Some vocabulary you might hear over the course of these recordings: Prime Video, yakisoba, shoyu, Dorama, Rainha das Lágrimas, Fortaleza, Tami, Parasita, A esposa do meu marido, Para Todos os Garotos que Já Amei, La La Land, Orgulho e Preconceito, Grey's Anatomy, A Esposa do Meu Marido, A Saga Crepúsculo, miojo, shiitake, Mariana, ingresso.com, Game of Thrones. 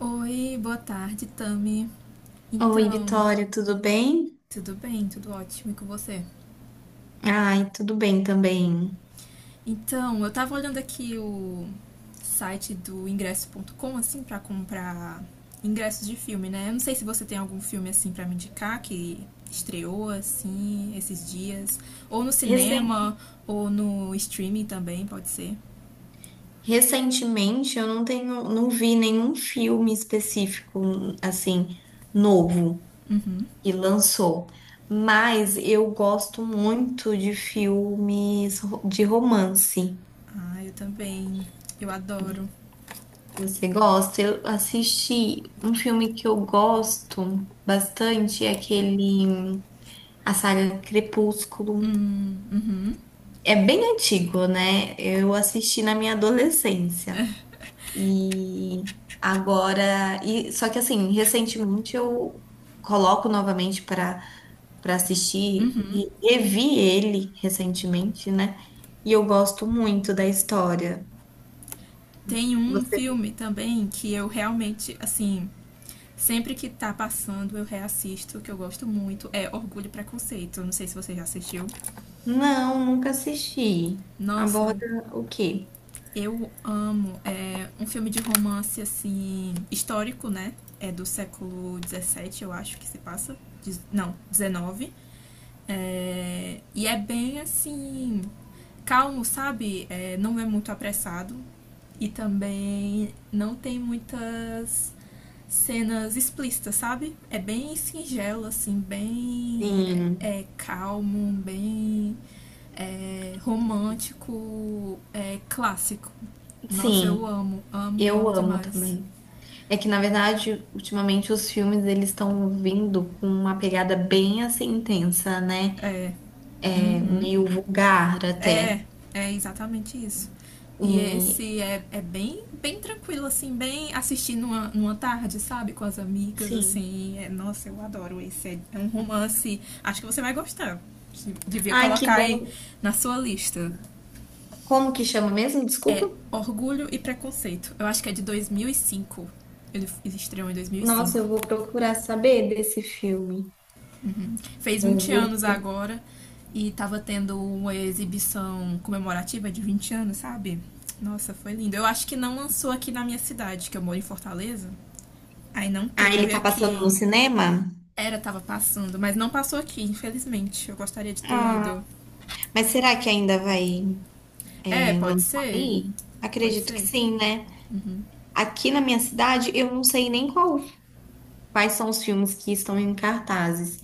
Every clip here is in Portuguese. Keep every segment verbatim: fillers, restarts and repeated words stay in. Oi, boa tarde, Tami. Oi, Então, Vitória, tudo bem? tudo bem? Tudo ótimo e com você? Ai, tudo bem também. Então, eu tava olhando aqui o site do ingresso ponto com assim pra comprar ingressos de filme, né? Eu não sei se você tem algum filme assim pra me indicar que estreou assim esses dias, ou no Recen- cinema, ou no streaming também, pode ser. Recentemente eu não tenho, não vi nenhum filme específico, assim, novo que lançou, mas eu gosto muito de filmes ro- de romance. Ah, eu também. Eu adoro. Você gosta? Eu assisti um filme que eu gosto bastante, é aquele A Saga Crepúsculo. É bem antigo, né? Eu assisti na minha adolescência. E agora, e só que assim, recentemente eu coloco novamente para para assistir, re- revi ele recentemente, né? E eu gosto muito da história. Tem um Você? filme também que eu realmente, assim, sempre que tá passando, eu reassisto, que eu gosto muito, é Orgulho e Preconceito. Não sei se você já assistiu. Não, nunca assisti. Aborda Nossa, o quê? eu amo. É um filme de romance, assim, histórico, né? É do século dezessete eu acho que se passa. Não, dezenove. É, E é bem, assim, calmo, sabe? É, não é muito apressado. E também não tem muitas cenas explícitas, sabe? É bem singelo, assim, bem Sim, é, é calmo, bem é, romântico, é, clássico. Nossa, eu sim, amo, amo, eu amo amo demais. também. É que, na verdade, ultimamente os filmes eles estão vindo com uma pegada bem assim intensa, né? É Uhum. meio vulgar É, até. é exatamente isso. E E esse é, é bem, bem tranquilo, assim, bem assistir numa, numa tarde, sabe? Com as amigas, sim. assim. É, nossa, eu adoro esse. É, é um romance. Acho que você vai gostar. Devia Ai, que colocar aí bom. na sua lista. Como que chama mesmo? Desculpa. Orgulho e Preconceito. Eu acho que é de dois mil e cinco. Ele, ele estreou em Nossa, dois mil e cinco. eu vou procurar saber desse filme. Fez vinte anos Orgulho. agora e tava tendo uma exibição comemorativa de vinte anos, sabe? Nossa, foi lindo. Eu acho que não lançou aqui na minha cidade, que eu moro em Fortaleza. Aí não Ah, ele teve tá passando aqui. no cinema? Era, tava passando, mas não passou aqui, infelizmente. Eu gostaria de ter Ah. ido. Mas será que ainda vai É, é, pode lançar ser. aí? Pode Acredito que ser. sim, né? Aqui na minha cidade, eu não sei nem qual, quais são os filmes que estão em cartazes.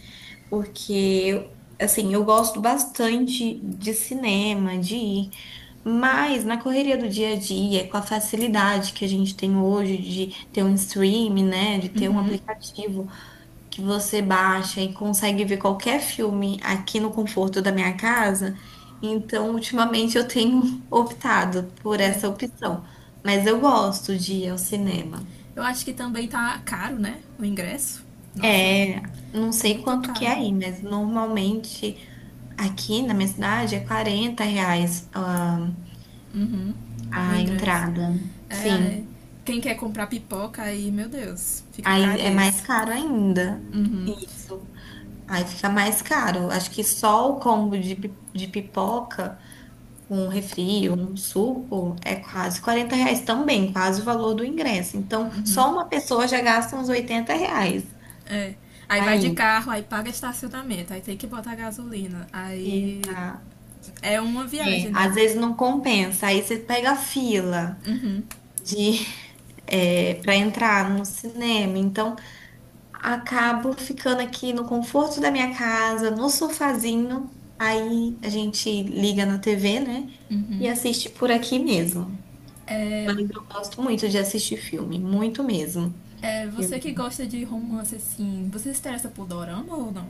Porque assim, eu gosto bastante de cinema, de ir, mas na correria do dia a dia, com a facilidade que a gente tem hoje de ter um stream, né, de ter um aplicativo que você baixa e consegue ver qualquer filme aqui no conforto da minha casa, então ultimamente eu tenho optado por essa opção, mas eu gosto de ir ao cinema. Eu acho que também tá caro, né? O ingresso. Nossa, É, não sei muito quanto que é caro. aí, mas normalmente aqui na minha cidade é quarenta reais a Uhum. O a ingresso. entrada. É, é. Sim. Quem quer comprar pipoca aí, meu Deus, fica Aí caro é mais esse. caro ainda. Uhum. Isso. Aí fica mais caro. Acho que só o combo de, pi- de pipoca, um refri, um suco, é quase quarenta reais também, quase o valor do ingresso. Então, só uma pessoa já gasta uns oitenta reais. É. Aí vai de Aí, carro, aí paga estacionamento, aí tem que botar gasolina. Aí exato. é uma É, viagem, né? às vezes não compensa. Aí você pega a fila Hum, de, é, para entrar no cinema. Então, acabo ficando aqui no conforto da minha casa, no sofazinho. Aí a gente liga na T V, né? E hum. assiste por aqui mesmo. É, Mas eu gosto muito de assistir filme, muito mesmo. é, Eu- você que gosta de romance assim, você se interessa por Dorama ou não?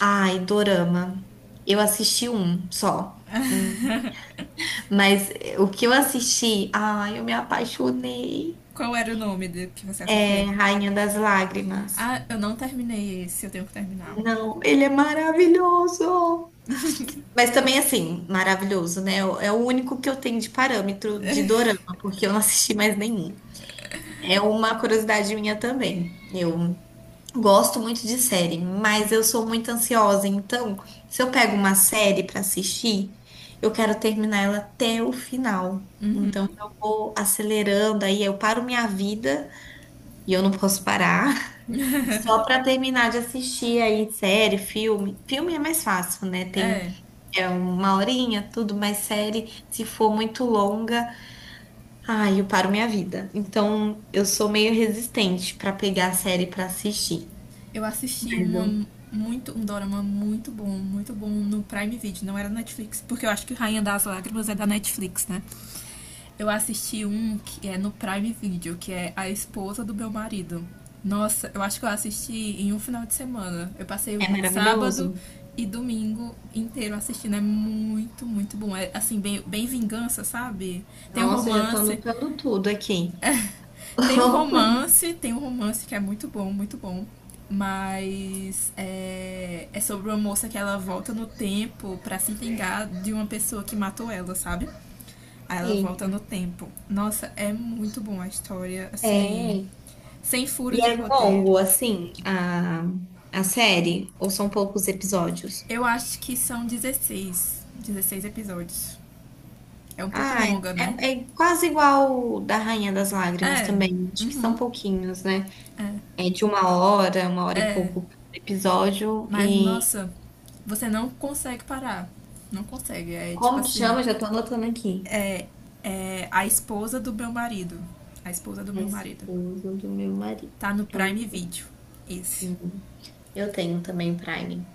Ai, Dorama. Eu assisti um só. Hum, Mas eh, o que eu assisti, ai, eu me apaixonei. Qual era o nome de, que você É assistiu? Rainha das Lágrimas. Ah, eu não terminei esse, eu tenho que terminar. Não, ele é maravilhoso. Mas também, assim, maravilhoso, né? É o único que eu tenho de parâmetro de dorama, porque eu não assisti mais nenhum. É uma curiosidade minha também. Eu gosto muito de série, mas eu sou muito ansiosa. Então, se eu pego uma série pra assistir, eu quero terminar ela até o final. Então, eu vou acelerando, aí eu paro minha vida e eu não posso parar. Só pra terminar de assistir aí série, filme. Filme é mais fácil, né? Tem É, é uma horinha, tudo mais série. Se for muito longa, ai, eu paro minha vida. Então, eu sou meio resistente pra pegar a série pra assistir. eu assisti Mas uma eu- muito um dorama muito bom, muito bom no Prime Video, não era Netflix, porque eu acho que Rainha das Lágrimas é da Netflix, né? Eu assisti um que é no Prime Video, que é A Esposa do Meu Marido. Nossa, eu acho que eu assisti em um final de semana. Eu passei o É sábado maravilhoso. e domingo inteiro assistindo. É muito, muito bom. É assim, bem, bem vingança, sabe? Tem um Nossa, eu já tô romance, anotando tudo aqui. tem um romance, tem um romance que é muito bom, muito bom. Mas é, é sobre uma moça que ela volta no tempo pra se vingar de uma pessoa que matou ela, sabe? Aí ela volta Eita. no tempo. Nossa, é muito bom a história, assim, É. sem E furos de é roteiro. longo, assim, a, a série? Ou são poucos episódios? Eu acho que são dezesseis dezesseis episódios. É um pouco Ah, longa, né? é, é quase igual o da Rainha das Lágrimas É, também. Acho que são pouquinhos, né? É de uma hora, uma hora e pouco por episódio. mas E nossa, você não consegue parar. Não consegue. É tipo como que assim, chama? Já tô anotando aqui. é a esposa do meu marido. A esposa do A meu marido. esposa do meu marido. Tá no Tô Prime Video. Esse. anotando. Eu tenho também Prime.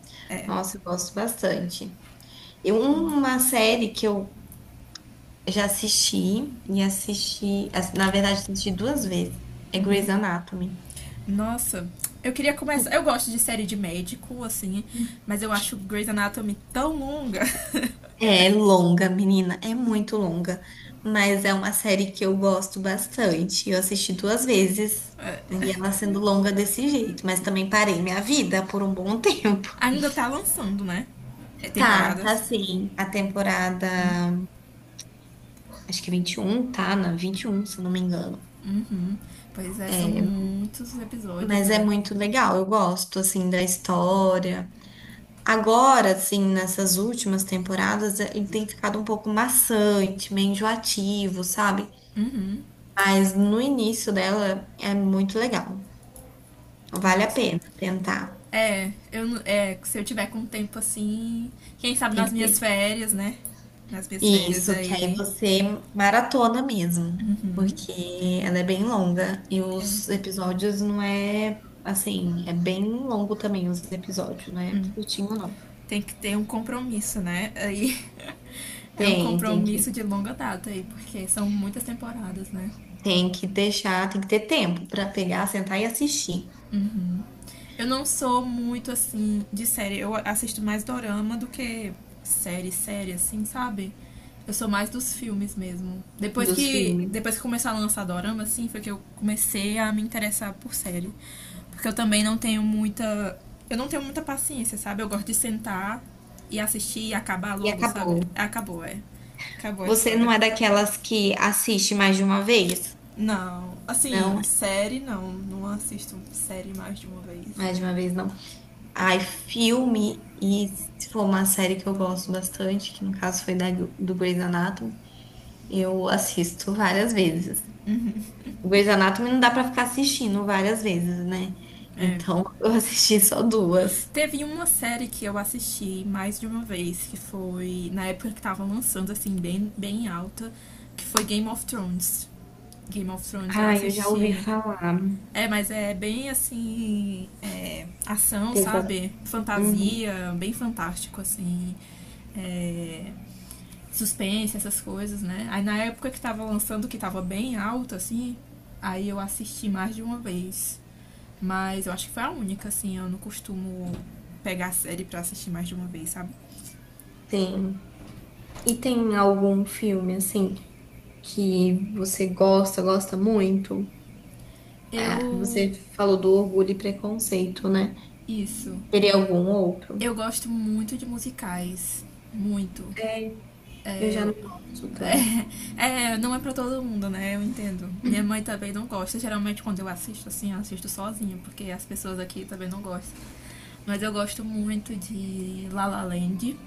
Nossa, eu gosto bastante. Eu, uma série que eu já assisti e assisti, as- na verdade, assisti duas vezes, é Grey's Anatomy. Nossa, eu queria começar. Eu gosto de série de médico, assim, mas eu acho Grey's Anatomy tão longa. É longa, menina, é muito longa, mas é uma série que eu gosto bastante. Eu assisti duas vezes e ela sendo longa desse jeito, mas também parei minha vida por um bom tempo. Ainda tá lançando, né? É, Tá, tá, Temporadas. sim. A temporada, acho que é vinte e um, tá na vinte e um, se eu não me engano. Pois é, são muitos episódios, Mas é né? muito legal, eu gosto assim da história. Agora, assim, nessas últimas temporadas, eh, ele tem ficado um pouco maçante, meio enjoativo, sabe? Mas no início dela é muito legal. Vale a Nossa. pena tentar. É, eu é, se eu tiver com tempo assim, quem sabe Tem que nas minhas ter. férias, né? Nas minhas férias Isso, que aí aí você maratona mesmo, porque ela é bem longa e os episódios não é assim, é bem longo também os episódios, não é curtinho não. tem que ter um compromisso, né? Aí é um Tem, tem compromisso que, de longa data aí, porque são muitas temporadas, né? tem que deixar, tem que ter tempo pra pegar, sentar e assistir Eu não sou muito assim de série, eu assisto mais dorama do que série, série assim, sabe? Eu sou mais dos filmes mesmo. Depois dos que filmes. depois que começou a lançar dorama assim, foi que eu comecei a me interessar por série. Porque eu também não tenho muita eu não tenho muita paciência, sabe? Eu gosto de sentar e assistir e acabar E logo, acabou. sabe? Acabou, é. Acabou a Você não história. é daquelas que assiste mais de uma vez? Não, Não, assim, série não, não assisto série mais de uma vez. mais de uma vez não. Ai, filme, e se for uma série que eu gosto bastante, que no caso foi da, do Grey's Anatomy, eu assisto várias vezes. O Grey's Anatomy não dá pra ficar assistindo várias vezes, né? Então, eu assisti só duas. Teve uma série que eu assisti mais de uma vez, que foi na época que tava lançando, assim, bem, bem alta, que foi Game of Thrones. Game of Thrones eu Ai, eu já ouvi assisti. falar. É, mas é bem assim. É, ação, Pesa. sabe? Uhum, Fantasia, bem fantástico, assim. É, suspense, essas coisas, né? Aí na época que tava lançando, que tava bem alto, assim, aí eu assisti mais de uma vez. Mas eu acho que foi a única, assim, eu não costumo pegar série pra assistir mais de uma vez, sabe? tem. E tem algum filme, assim, que você gosta, gosta muito? É, Eu. você falou do Orgulho e Preconceito, né? Isso. Teria algum outro? Eu gosto muito de musicais. Muito. É, eu já não gosto tanto. É, é, não é pra todo mundo, né? Eu entendo. Minha mãe também não gosta. Geralmente quando eu assisto, assim, eu assisto sozinha, porque as pessoas aqui também não gostam. Mas eu gosto muito de La La Land,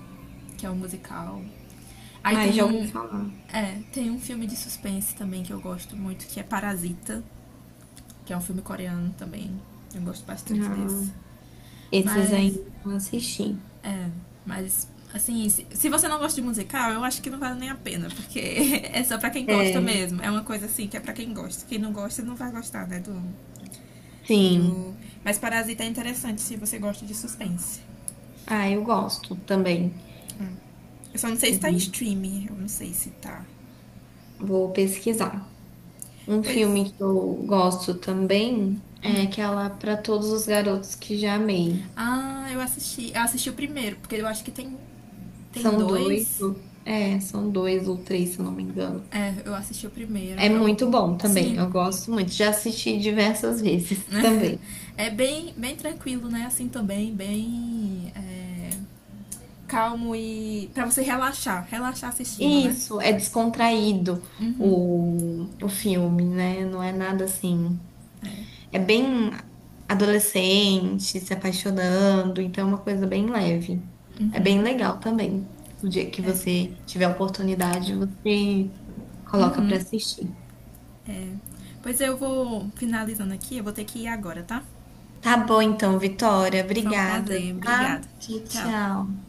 que é um musical. Aí Ai, tem já ouvi um. falar. É, tem um filme de suspense também que eu gosto muito, que é Parasita, que é um filme coreano também. Eu gosto bastante Ah, desse. esses aí Mas. eu não assisti. Mas, assim, se, se você não gosta de musical, eu acho que não vale nem a pena, porque é só pra quem gosta É, mesmo. É uma coisa assim que é pra quem gosta. Quem não gosta não vai gostar, né? Do. sim. Do... Mas Parasita é interessante se você gosta de suspense. Ah, eu gosto também. Eu só não sei se tá em Uhum. streaming. Eu não sei se tá. Vou pesquisar. Um Pois. filme que eu gosto também é aquela Para Todos os Garotos que Já Amei. Ah, eu assisti. Eu assisti o primeiro, porque eu acho que tem, tem São dois, dois. ou- é, são dois ou três, se eu não me engano. Eu assisti o É primeiro. Eu, muito bom também, sim, eu gosto muito. Já assisti diversas vezes também. é bem, bem tranquilo, né? Assim também, bem é, calmo e para você relaxar, relaxar assistindo, né? Isso, é descontraído o, o filme, né? Não é nada assim. É bem adolescente, se apaixonando, então é uma coisa bem leve. É bem legal também. O dia que você tiver a oportunidade, você coloca pra assistir. É. Pois eu vou finalizando aqui, eu vou ter que ir agora, tá? Tá bom então, Vitória. Foi um Obrigada, prazer, tá? obrigada. Tchau, Tchau. tchau.